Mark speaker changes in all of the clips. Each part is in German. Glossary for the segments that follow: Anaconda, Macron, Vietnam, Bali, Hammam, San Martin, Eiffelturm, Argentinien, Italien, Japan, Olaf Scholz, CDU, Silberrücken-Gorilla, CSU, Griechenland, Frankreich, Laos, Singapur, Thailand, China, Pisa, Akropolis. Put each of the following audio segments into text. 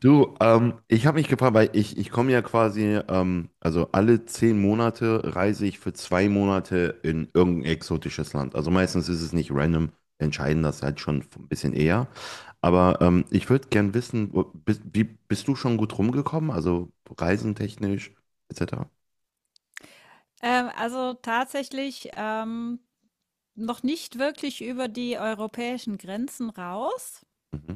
Speaker 1: Du, ich habe mich gefragt, weil ich komme ja quasi, also alle 10 Monate reise ich für 2 Monate in irgendein exotisches Land. Also meistens ist es nicht random, wir entscheiden das halt schon ein bisschen eher. Aber ich würde gern wissen, bist du schon gut rumgekommen? Also reisentechnisch, etc.
Speaker 2: Also tatsächlich noch nicht wirklich über die europäischen Grenzen raus.
Speaker 1: Mhm.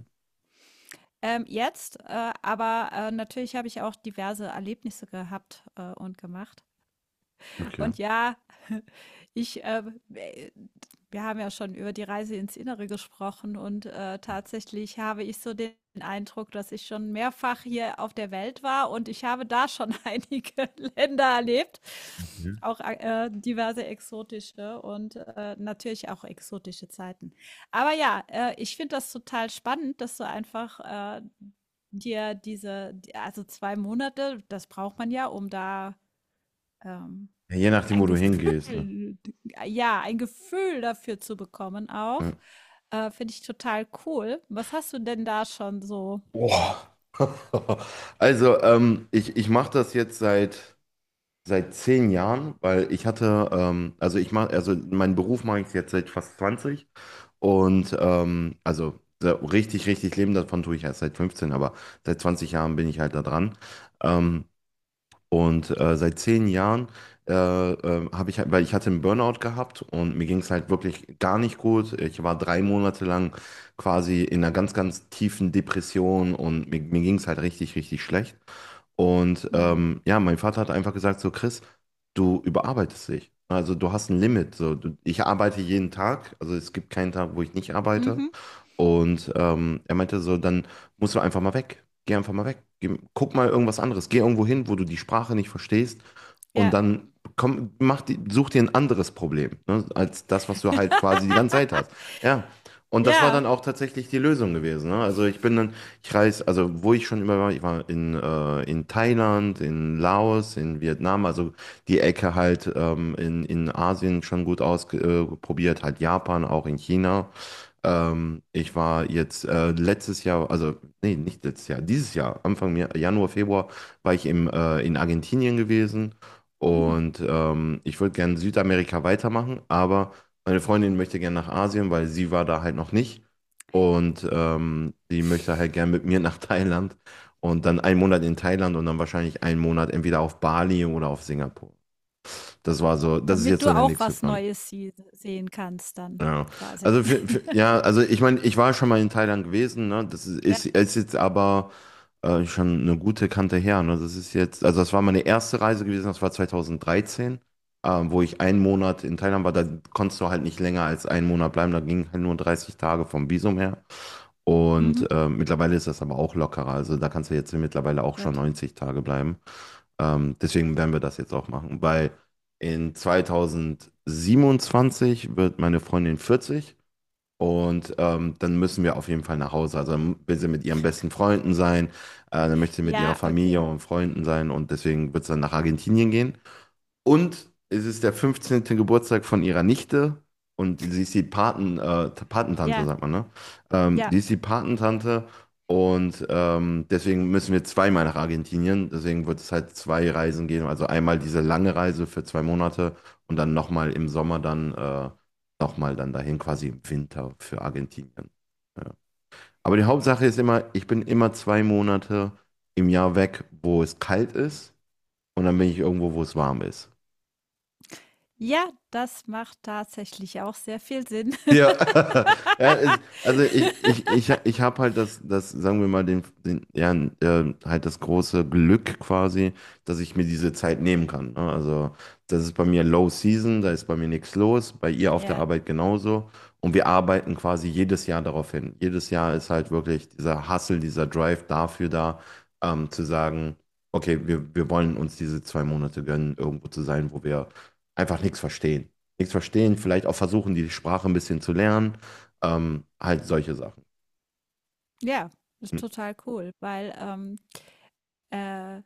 Speaker 2: Jetzt aber natürlich habe ich auch diverse Erlebnisse gehabt und gemacht.
Speaker 1: Okay.
Speaker 2: Und ja, ich, wir haben ja schon über die Reise ins Innere gesprochen und tatsächlich habe ich so den Eindruck, dass ich schon mehrfach hier auf der Welt war und ich habe da schon einige Länder erlebt,
Speaker 1: Mhm.
Speaker 2: auch diverse exotische und natürlich auch exotische Zeiten. Aber ja, ich finde das total spannend, dass du einfach äh, dir also zwei Monate, das braucht man ja, um da ähm,
Speaker 1: Ja, je nachdem,
Speaker 2: ein
Speaker 1: wo du hingehst, ne?
Speaker 2: Gefühl, ja, ein Gefühl dafür zu bekommen
Speaker 1: Ja.
Speaker 2: auch, finde ich total cool. Was hast du denn da schon so?
Speaker 1: Boah. Also, ich mache das jetzt seit. Seit 10 Jahren, weil ich hatte, also meinen Beruf mache ich jetzt seit fast 20 und also so richtig, richtig leben davon tue ich erst seit 15, aber seit 20 Jahren bin ich halt da dran. Ähm, und seit 10 Jahren habe ich, weil ich hatte einen Burnout gehabt und mir ging es halt wirklich gar nicht gut. Ich war 3 Monate lang quasi in einer ganz, ganz tiefen Depression und mir ging es halt richtig, richtig schlecht. Und
Speaker 2: Hm.
Speaker 1: ja, mein Vater hat einfach gesagt, so Chris, du überarbeitest dich. Also du hast ein Limit. So, ich arbeite jeden Tag. Also es gibt keinen Tag, wo ich nicht arbeite.
Speaker 2: Mhm.
Speaker 1: Und er meinte so, dann musst du einfach mal weg. Geh einfach mal weg. Geh, guck mal irgendwas anderes. Geh irgendwo hin, wo du die Sprache nicht verstehst. Und
Speaker 2: Ja.
Speaker 1: dann komm, such dir ein anderes Problem, ne, als das, was du halt quasi die ganze Zeit hast. Ja. Und das war
Speaker 2: Ja.
Speaker 1: dann auch tatsächlich die Lösung gewesen. Ne? Also ich bin dann ich reise, also wo ich schon immer war, ich war in, in Thailand, in Laos, in Vietnam, also die Ecke halt in Asien schon gut ausprobiert, halt Japan, auch in China. Ich war jetzt letztes Jahr, also nee, nicht letztes Jahr, dieses Jahr, Anfang Januar, Februar, war ich in Argentinien gewesen
Speaker 2: Hm.
Speaker 1: und ich würde gerne Südamerika weitermachen, aber meine Freundin möchte gerne nach Asien, weil sie war da halt noch nicht und die möchte halt gerne mit mir nach Thailand und dann einen Monat in Thailand und dann wahrscheinlich einen Monat entweder auf Bali oder auf Singapur. Das ist
Speaker 2: Damit
Speaker 1: jetzt so
Speaker 2: du
Speaker 1: der
Speaker 2: auch
Speaker 1: nächste
Speaker 2: was
Speaker 1: Plan.
Speaker 2: Neues sie sehen kannst dann
Speaker 1: Ja,
Speaker 2: quasi.
Speaker 1: also ja, also ich meine, ich war schon mal in Thailand gewesen, ne? Das ist,
Speaker 2: Ja.
Speaker 1: ist, ist jetzt aber schon eine gute Kante her, ne? Also das war meine erste Reise gewesen, das war 2013, wo ich einen Monat in Thailand war, da konntest du halt nicht länger als einen Monat bleiben, da ging halt nur 30 Tage vom Visum her.
Speaker 2: Mhm.
Speaker 1: Und mittlerweile ist das aber auch lockerer, also da kannst du jetzt mittlerweile auch schon
Speaker 2: Gut.
Speaker 1: 90 Tage bleiben. Deswegen werden wir das jetzt auch machen, weil in 2027 wird meine Freundin 40 und dann müssen wir auf jeden Fall nach Hause. Also dann will sie mit ihren besten Freunden sein, dann möchte sie mit ihrer
Speaker 2: Ja,
Speaker 1: Familie
Speaker 2: okay.
Speaker 1: und Freunden sein und deswegen wird es dann nach Argentinien gehen. Und es ist der 15. Geburtstag von ihrer Nichte und sie ist die Patentante,
Speaker 2: Ja,
Speaker 1: sagt man, ne? Ähm,
Speaker 2: ja.
Speaker 1: die ist die Patentante und deswegen müssen wir zweimal nach Argentinien. Deswegen wird es halt 2 Reisen geben. Also einmal diese lange Reise für 2 Monate und dann nochmal im Sommer dann nochmal dann dahin quasi im Winter für Argentinien. Ja. Aber die Hauptsache ist immer, ich bin immer 2 Monate im Jahr weg, wo es kalt ist und dann bin ich irgendwo, wo es warm ist.
Speaker 2: Ja, das macht tatsächlich auch sehr viel Sinn.
Speaker 1: Ja, also ich, ich, ich, ich habe halt das, sagen wir mal, ja, halt das große Glück quasi, dass ich mir diese Zeit nehmen kann. Ne? Also das ist bei mir Low Season, da ist bei mir nichts los, bei ihr auf der
Speaker 2: Ja.
Speaker 1: Arbeit genauso. Und wir arbeiten quasi jedes Jahr darauf hin. Jedes Jahr ist halt wirklich dieser Hustle, dieser Drive dafür da, zu sagen, okay, wir wollen uns diese 2 Monate gönnen, irgendwo zu sein, wo wir einfach nichts verstehen, vielleicht auch versuchen, die Sprache ein bisschen zu lernen, halt solche Sachen.
Speaker 2: Ja, ist
Speaker 1: Hm.
Speaker 2: total cool, weil, Äh,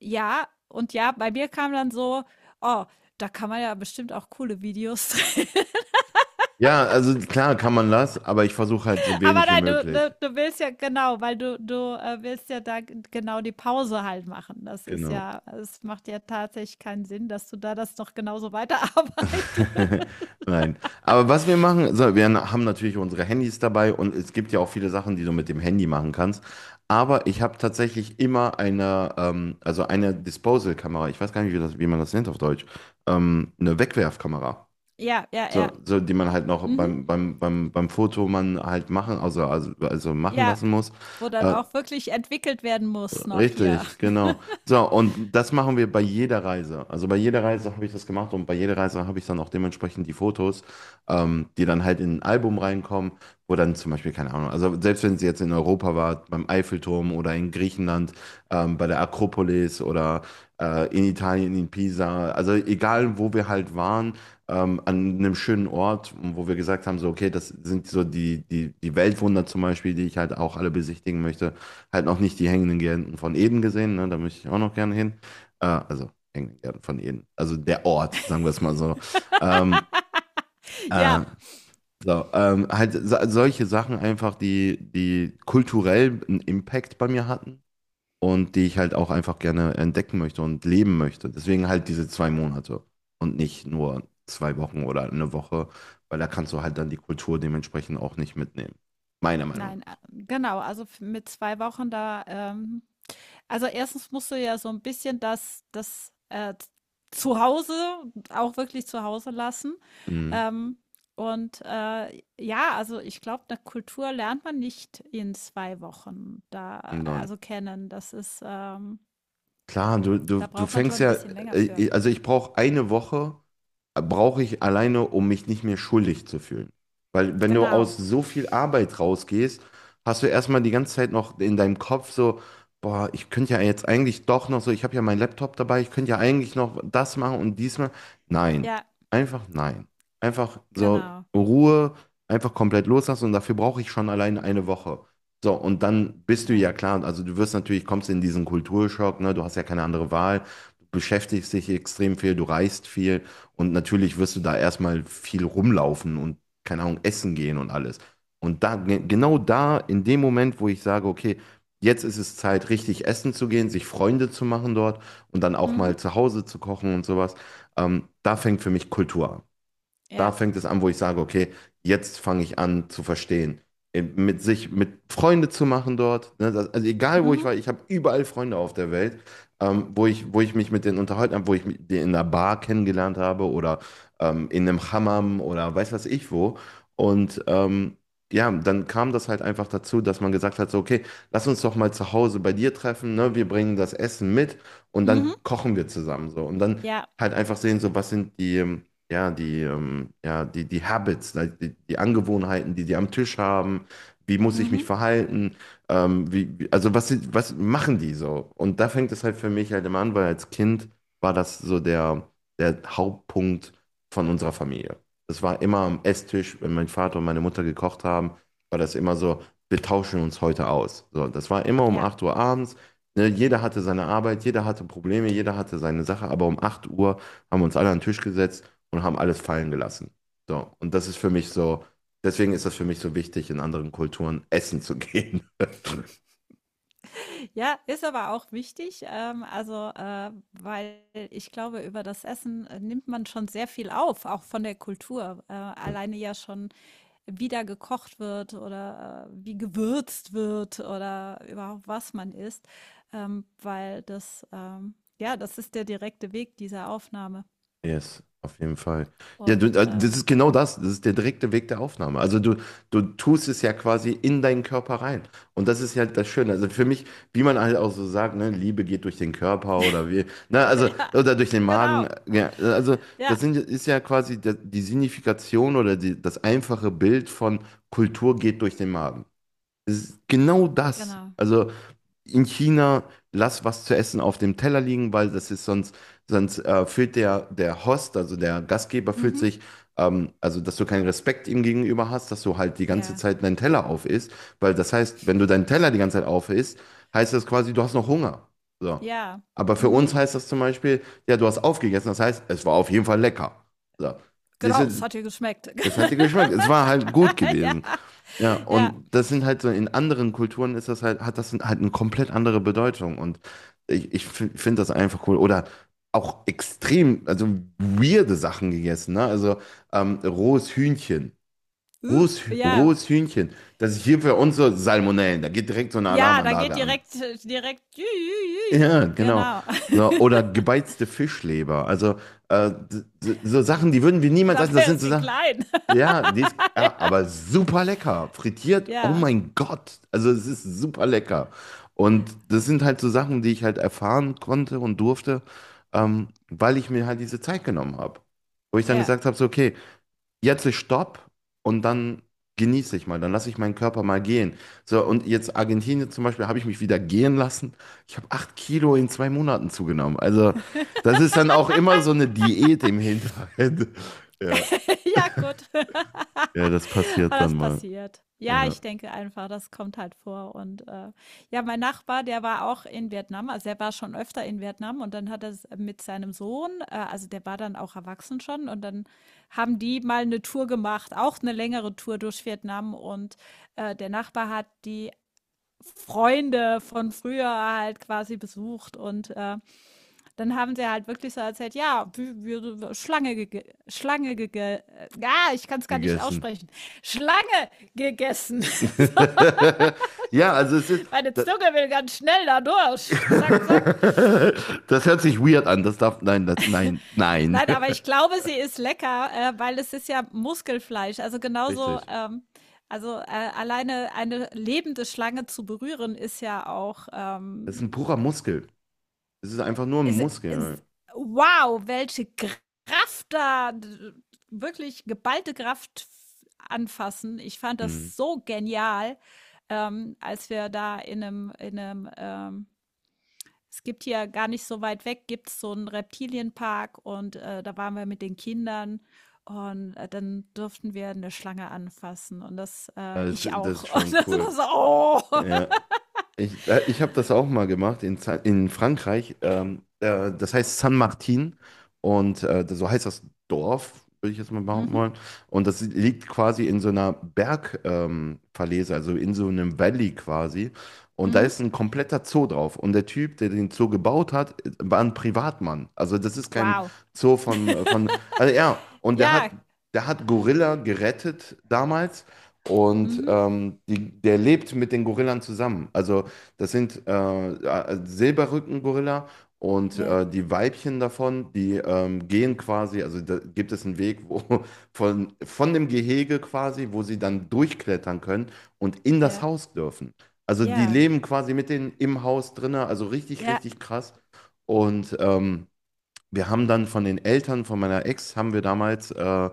Speaker 2: ja, und ja, bei mir kam dann so: „Oh, da kann man ja bestimmt auch coole Videos drehen.“
Speaker 1: Ja, also klar kann man das, aber ich versuche halt so
Speaker 2: Aber
Speaker 1: wenig wie
Speaker 2: nein, du
Speaker 1: möglich.
Speaker 2: ne, du willst ja genau, weil du willst ja da g genau die Pause halt machen. Das ist
Speaker 1: Genau.
Speaker 2: ja, es macht ja tatsächlich keinen Sinn, dass du da das noch genauso weiterarbeitest.
Speaker 1: Nein. Aber was wir machen, so, wir haben natürlich unsere Handys dabei und es gibt ja auch viele Sachen, die du mit dem Handy machen kannst. Aber ich habe tatsächlich immer eine Disposal-Kamera. Ich weiß gar nicht, wie man das nennt auf Deutsch. Eine Wegwerfkamera.
Speaker 2: Ja, ja, ja.
Speaker 1: So, die man halt noch
Speaker 2: Mhm.
Speaker 1: beim Foto man halt machen, also machen
Speaker 2: Ja,
Speaker 1: lassen muss.
Speaker 2: wo dann
Speaker 1: Äh,
Speaker 2: auch wirklich entwickelt werden muss noch hier.
Speaker 1: Richtig, genau. So, und das machen wir bei jeder Reise. Also bei jeder Reise habe ich das gemacht und bei jeder Reise habe ich dann auch dementsprechend die Fotos, die dann halt in ein Album reinkommen, wo dann zum Beispiel, keine Ahnung, also selbst wenn sie jetzt in Europa war, beim Eiffelturm oder in Griechenland, bei der Akropolis oder in Italien, in Pisa, also egal wo wir halt waren, an einem schönen Ort, wo wir gesagt haben, so, okay, das sind so die Weltwunder zum Beispiel, die ich halt auch alle besichtigen möchte. Halt noch nicht die hängenden Gärten von Eden gesehen, ne? Da möchte ich auch noch gerne hin. Also hängenden Gärten von Eden. Also der Ort, sagen wir es mal so. Ähm,
Speaker 2: Ja,
Speaker 1: äh, halt solche Sachen einfach, die kulturell einen Impact bei mir hatten und die ich halt auch einfach gerne entdecken möchte und leben möchte. Deswegen halt diese 2 Monate und nicht nur 2 Wochen oder eine Woche, weil da kannst du halt dann die Kultur dementsprechend auch nicht mitnehmen. Meiner Meinung
Speaker 2: nein,
Speaker 1: nach.
Speaker 2: genau, also f mit 2 Wochen da, also erstens musst du ja so ein bisschen das Z Zuhause auch wirklich zu Hause lassen.
Speaker 1: Mhm.
Speaker 2: Ähm, und, ja, also ich glaube, eine Kultur lernt man nicht in 2 Wochen da
Speaker 1: Nein.
Speaker 2: also kennen. Das ist,
Speaker 1: Klar, du, du,
Speaker 2: da
Speaker 1: du
Speaker 2: braucht man schon
Speaker 1: fängst
Speaker 2: ein
Speaker 1: ja,
Speaker 2: bisschen länger für.
Speaker 1: also ich brauche eine Woche, brauche ich alleine, um mich nicht mehr schuldig zu fühlen. Weil wenn du aus
Speaker 2: Genau.
Speaker 1: so viel Arbeit rausgehst, hast du erstmal die ganze Zeit noch in deinem Kopf so, boah, ich könnte ja jetzt eigentlich doch noch so, ich habe ja meinen Laptop dabei, ich könnte ja eigentlich noch das machen und diesmal. Nein,
Speaker 2: Ja,
Speaker 1: einfach nein. Einfach so
Speaker 2: genau.
Speaker 1: Ruhe, einfach komplett loslassen und dafür brauche ich schon allein eine Woche. So, und dann bist du
Speaker 2: Ja.
Speaker 1: ja klar, also du wirst natürlich, kommst in diesen Kulturschock, ne, du hast ja keine andere Wahl, du beschäftigst dich extrem viel, du reist viel. Und natürlich wirst du da erstmal viel rumlaufen und, keine Ahnung, essen gehen und alles. Und da, genau da, in dem Moment, wo ich sage, okay, jetzt ist es Zeit, richtig essen zu gehen, sich Freunde zu machen dort und dann auch mal
Speaker 2: Mhm.
Speaker 1: zu Hause zu kochen und sowas, da fängt für mich Kultur an. Da
Speaker 2: Ja.
Speaker 1: fängt es an, wo ich sage, okay, jetzt fange ich an zu verstehen. Mit Freunde zu machen dort. Ne? Also egal, wo ich
Speaker 2: Mhm.
Speaker 1: war, ich habe überall Freunde auf der Welt, wo ich mich mit denen unterhalten habe, wo ich mit denen in einer Bar kennengelernt habe oder in einem Hammam oder weiß was ich wo. Und ja, dann kam das halt einfach dazu, dass man gesagt hat, so, okay, lass uns doch mal zu Hause bei dir treffen, ne? Wir bringen das Essen mit und dann
Speaker 2: Mhm.
Speaker 1: kochen wir zusammen so. Und dann
Speaker 2: Ja.
Speaker 1: halt einfach sehen, so, was sind die... ja, die Habits, like die Angewohnheiten, die die am Tisch haben, wie muss ich mich
Speaker 2: Mhm.
Speaker 1: verhalten, was machen die so? Und da fängt es halt für mich halt immer an, weil als Kind war das so der Hauptpunkt von unserer Familie. Das war immer am Esstisch, wenn mein Vater und meine Mutter gekocht haben, war das immer so, wir tauschen uns heute aus. So, das war immer um
Speaker 2: Ja.
Speaker 1: 8 Uhr abends. Ne, jeder hatte seine Arbeit, jeder hatte Probleme, jeder hatte seine Sache, aber um 8 Uhr haben wir uns alle an den Tisch gesetzt und haben alles fallen gelassen. So, und das ist für mich so, deswegen ist das für mich so wichtig, in anderen Kulturen essen zu gehen.
Speaker 2: Ja, ist aber auch wichtig, also, weil ich glaube, über das Essen, nimmt man schon sehr viel auf, auch von der Kultur. Alleine ja schon, wie da gekocht wird oder, wie gewürzt wird oder überhaupt was man isst, weil das, ja, das ist der direkte Weg dieser Aufnahme
Speaker 1: Yes, auf jeden Fall. Ja,
Speaker 2: und,
Speaker 1: das ist genau das. Das ist der direkte Weg der Aufnahme. Also du tust es ja quasi in deinen Körper rein. Und das ist ja das Schöne. Also für mich, wie man halt auch so sagt, ne, Liebe geht durch den Körper oder wie, na, also,
Speaker 2: ja,
Speaker 1: oder durch den
Speaker 2: genau,
Speaker 1: Magen. Ja, also
Speaker 2: ja,
Speaker 1: ist ja quasi die Signifikation oder das einfache Bild von Kultur geht durch den Magen. Es ist genau das.
Speaker 2: genau.
Speaker 1: Also in China, lass was zu essen auf dem Teller liegen, weil das ist sonst, fühlt der Host, also der Gastgeber fühlt
Speaker 2: Mhm,
Speaker 1: sich, also dass du keinen Respekt ihm gegenüber hast, dass du halt die ganze
Speaker 2: ja,
Speaker 1: Zeit deinen Teller auf isst, weil das heißt, wenn du deinen Teller die ganze Zeit auf isst, heißt das quasi, du hast noch Hunger. So.
Speaker 2: ja,
Speaker 1: Aber für uns
Speaker 2: mhm.
Speaker 1: heißt das zum Beispiel, ja, du hast aufgegessen, das heißt, es war auf jeden Fall lecker. So. Siehst
Speaker 2: Genau, es
Speaker 1: du,
Speaker 2: hat dir geschmeckt.
Speaker 1: es hat dir geschmeckt, es war halt gut
Speaker 2: Ja,
Speaker 1: gewesen. Ja,
Speaker 2: ja,
Speaker 1: und das sind halt so, in anderen Kulturen ist das halt, hat das halt eine komplett andere Bedeutung. Und ich finde das einfach cool. Oder auch extrem, also weirde Sachen gegessen, ne? Also rohes Hühnchen. Rohes, Hü-
Speaker 2: ja,
Speaker 1: rohes Hühnchen. Das ist hier für uns so Salmonellen. Da geht direkt so eine
Speaker 2: ja, da geht
Speaker 1: Alarmanlage an.
Speaker 2: direkt, direkt, jü, jü, jü.
Speaker 1: Ja, genau.
Speaker 2: Genau.
Speaker 1: So, oder gebeizte Fischleber. Also so Sachen, die würden wir niemals essen. Das
Speaker 2: Dabei
Speaker 1: sind
Speaker 2: ist
Speaker 1: so
Speaker 2: sie
Speaker 1: Sachen.
Speaker 2: klein.
Speaker 1: Ja, die ist, ja, aber super lecker. Frittiert,
Speaker 2: Ja,
Speaker 1: oh
Speaker 2: ja,
Speaker 1: mein Gott. Also es ist super lecker. Und das sind halt so Sachen, die ich halt erfahren konnte und durfte, weil ich mir halt diese Zeit genommen habe. Wo ich dann gesagt habe, so, okay, jetzt ist Stopp und dann genieße ich mal, dann lasse ich meinen Körper mal gehen. So, und jetzt Argentinien zum Beispiel habe ich mich wieder gehen lassen. Ich habe 8 Kilo in 2 Monaten zugenommen. Also, das ist dann auch immer so eine Diät im Hinterhalt. Ja,
Speaker 2: ja, gut.
Speaker 1: ja, das passiert
Speaker 2: Aber
Speaker 1: dann
Speaker 2: das
Speaker 1: mal.
Speaker 2: passiert. Ja,
Speaker 1: Ja,
Speaker 2: ich denke einfach, das kommt halt vor. Und ja, mein Nachbar, der war auch in Vietnam, also er war schon öfter in Vietnam und dann hat er mit seinem Sohn, also der war dann auch erwachsen schon, und dann haben die mal eine Tour gemacht, auch eine längere Tour durch Vietnam. Und der Nachbar hat die Freunde von früher halt quasi besucht und dann haben sie halt wirklich so erzählt, ja, wir, Schlange gege ja, ich kann es gar nicht
Speaker 1: gegessen.
Speaker 2: aussprechen. Schlange gegessen. So,
Speaker 1: Ja, also es ist.
Speaker 2: meine
Speaker 1: Das,
Speaker 2: Zunge will ganz schnell da durch. Zack, zack.
Speaker 1: das hört sich weird an. Das darf. Nein, das, nein, nein.
Speaker 2: Nein, aber ich glaube, sie ist lecker, weil es ist ja Muskelfleisch. Also genauso,
Speaker 1: Richtig.
Speaker 2: also alleine eine lebende Schlange zu berühren, ist ja auch
Speaker 1: Das ist ein purer Muskel. Es ist einfach nur ein
Speaker 2: es, es,
Speaker 1: Muskel.
Speaker 2: wow, welche Kraft da, wirklich geballte Kraft anfassen. Ich fand
Speaker 1: Mhm.
Speaker 2: das so genial, als wir da in einem, es gibt hier gar nicht so weit weg, gibt es so einen Reptilienpark und da waren wir mit den Kindern und dann durften wir eine Schlange anfassen und das,
Speaker 1: Das,
Speaker 2: ich
Speaker 1: das
Speaker 2: auch.
Speaker 1: ist
Speaker 2: Und
Speaker 1: schon
Speaker 2: das war
Speaker 1: cool.
Speaker 2: so, oh.
Speaker 1: Ja. Ich habe das auch mal gemacht in Frankreich. Das heißt San Martin und so heißt das Dorf, würde ich jetzt mal behaupten
Speaker 2: Mhm,
Speaker 1: wollen. Und das liegt quasi in so einer Bergverlese, Verlese, also in so einem Valley quasi. Und da
Speaker 2: mhm.
Speaker 1: ist ein kompletter Zoo drauf. Und der Typ, der den Zoo gebaut hat, war ein Privatmann. Also das ist kein
Speaker 2: Wow.
Speaker 1: Zoo von, also ja, und der hat,
Speaker 2: Ja,
Speaker 1: der hat Gorilla gerettet damals. Und
Speaker 2: mhm.
Speaker 1: der lebt mit den Gorillas zusammen. Also das sind Silberrücken-Gorilla und
Speaker 2: Ja,
Speaker 1: die Weibchen davon, die gehen quasi, also da gibt es einen Weg wo, von dem Gehege quasi, wo sie dann durchklettern können und in das
Speaker 2: ja,
Speaker 1: Haus dürfen. Also die
Speaker 2: ja.
Speaker 1: leben quasi mit denen im Haus drinne, also richtig,
Speaker 2: Ja,
Speaker 1: richtig krass. Und wir haben dann von den Eltern von meiner Ex, haben wir damals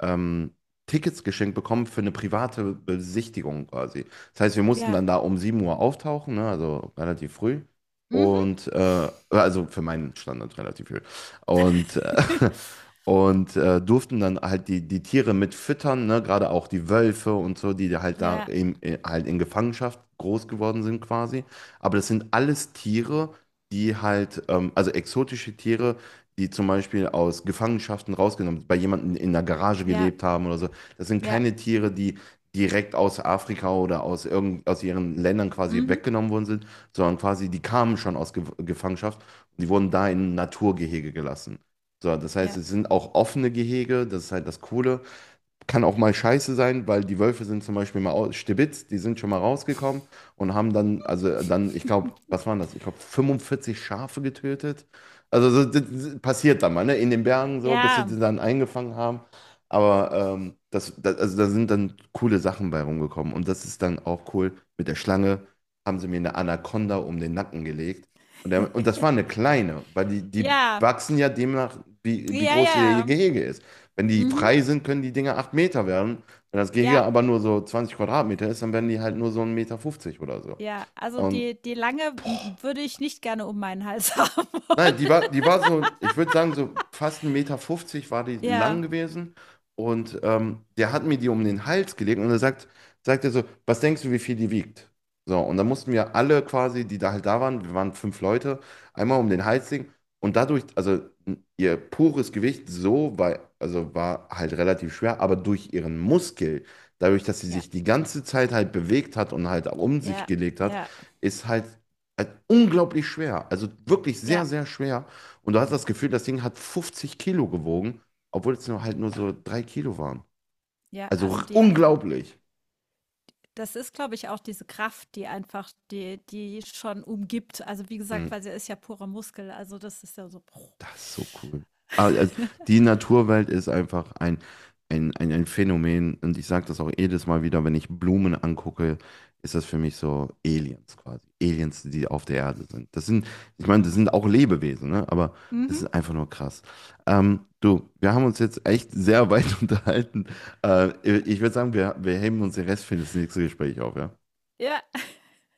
Speaker 1: ähm, Tickets geschenkt bekommen für eine private Besichtigung quasi. Das heißt, wir mussten
Speaker 2: ja.
Speaker 1: dann da um 7 Uhr auftauchen, ne, also relativ früh.
Speaker 2: Mhm.
Speaker 1: Und also für meinen Standard relativ früh. Und, äh, und durften dann halt die Tiere mit füttern, ne, gerade auch die Wölfe und so, die halt da
Speaker 2: Ja,
Speaker 1: in Gefangenschaft groß geworden sind quasi. Aber das sind alles Tiere, die halt, also exotische Tiere, die zum Beispiel aus Gefangenschaften rausgenommen, bei jemandem in der Garage
Speaker 2: ja,
Speaker 1: gelebt haben oder so. Das sind
Speaker 2: ja.
Speaker 1: keine Tiere, die direkt aus Afrika oder aus, irgend, aus ihren Ländern quasi
Speaker 2: Mhm.
Speaker 1: weggenommen worden sind, sondern quasi die kamen schon aus Ge Gefangenschaft und die wurden da in Naturgehege gelassen. So, das heißt,
Speaker 2: Ja.
Speaker 1: es sind auch offene Gehege, das ist halt das Coole kann auch mal scheiße sein, weil die Wölfe sind zum Beispiel mal aus Stibitz, die sind schon mal rausgekommen und haben dann, also dann, ich glaube, was waren das? Ich glaube, 45 Schafe getötet. Also so, das passiert dann mal, ne? In den Bergen so, bis sie
Speaker 2: Ja,
Speaker 1: die dann eingefangen haben. Aber das, also da sind dann coole Sachen bei rumgekommen. Und das ist dann auch cool. Mit der Schlange haben sie mir eine Anaconda um den Nacken gelegt. Und das war eine kleine, weil die
Speaker 2: ja,
Speaker 1: wachsen ja demnach, wie
Speaker 2: ja, ja.
Speaker 1: groß ihr
Speaker 2: Ja.
Speaker 1: Gehege ist. Wenn die
Speaker 2: Mhm.
Speaker 1: frei sind, können die Dinger 8 Meter werden. Wenn das Gehege
Speaker 2: Ja,
Speaker 1: aber nur so 20 Quadratmeter ist, dann werden die halt nur so 1,50 Meter oder so.
Speaker 2: ja. Also
Speaker 1: Und
Speaker 2: die die Lange m würde ich nicht gerne um meinen Hals haben
Speaker 1: nein, die
Speaker 2: wollen.
Speaker 1: war, die war so, ich würde sagen, so fast 1,50 Meter war die lang
Speaker 2: Ja,
Speaker 1: gewesen. Und der hat mir die um den Hals gelegt und er sagt er so, was denkst du, wie viel die wiegt? So, und dann mussten wir alle quasi, die da halt da waren, wir waren 5 Leute, einmal um den Hals legen. Und dadurch, also ihr pures Gewicht so war, also war halt relativ schwer, aber durch ihren Muskel, dadurch, dass sie
Speaker 2: ja,
Speaker 1: sich die ganze Zeit halt bewegt hat und halt um sich
Speaker 2: ja,
Speaker 1: gelegt hat,
Speaker 2: ja,
Speaker 1: ist halt also unglaublich schwer, also wirklich sehr,
Speaker 2: ja,
Speaker 1: sehr schwer. Und du hast das Gefühl, das Ding hat 50 Kilo gewogen, obwohl es nur halt nur so 3 Kilo waren.
Speaker 2: ja.
Speaker 1: Also
Speaker 2: Also die
Speaker 1: unglaublich.
Speaker 2: Das ist, glaube ich, auch diese Kraft, die einfach die schon umgibt. Also, wie gesagt,
Speaker 1: Mm.
Speaker 2: weil sie ist ja purer Muskel, also das ist ja so
Speaker 1: Das ist so cool. Ah, also die Naturwelt ist einfach ein Phänomen und ich sage das auch jedes Mal wieder, wenn ich Blumen angucke, ist das für mich so Aliens quasi. Aliens, die auf der Erde sind. Das sind, ich meine, das sind auch Lebewesen, ne? Aber das
Speaker 2: Mhm.
Speaker 1: ist einfach nur krass. Du, wir haben uns jetzt echt sehr weit unterhalten. Äh, ich würde sagen, wir heben uns den Rest für das nächste Gespräch auf, ja?
Speaker 2: Ja.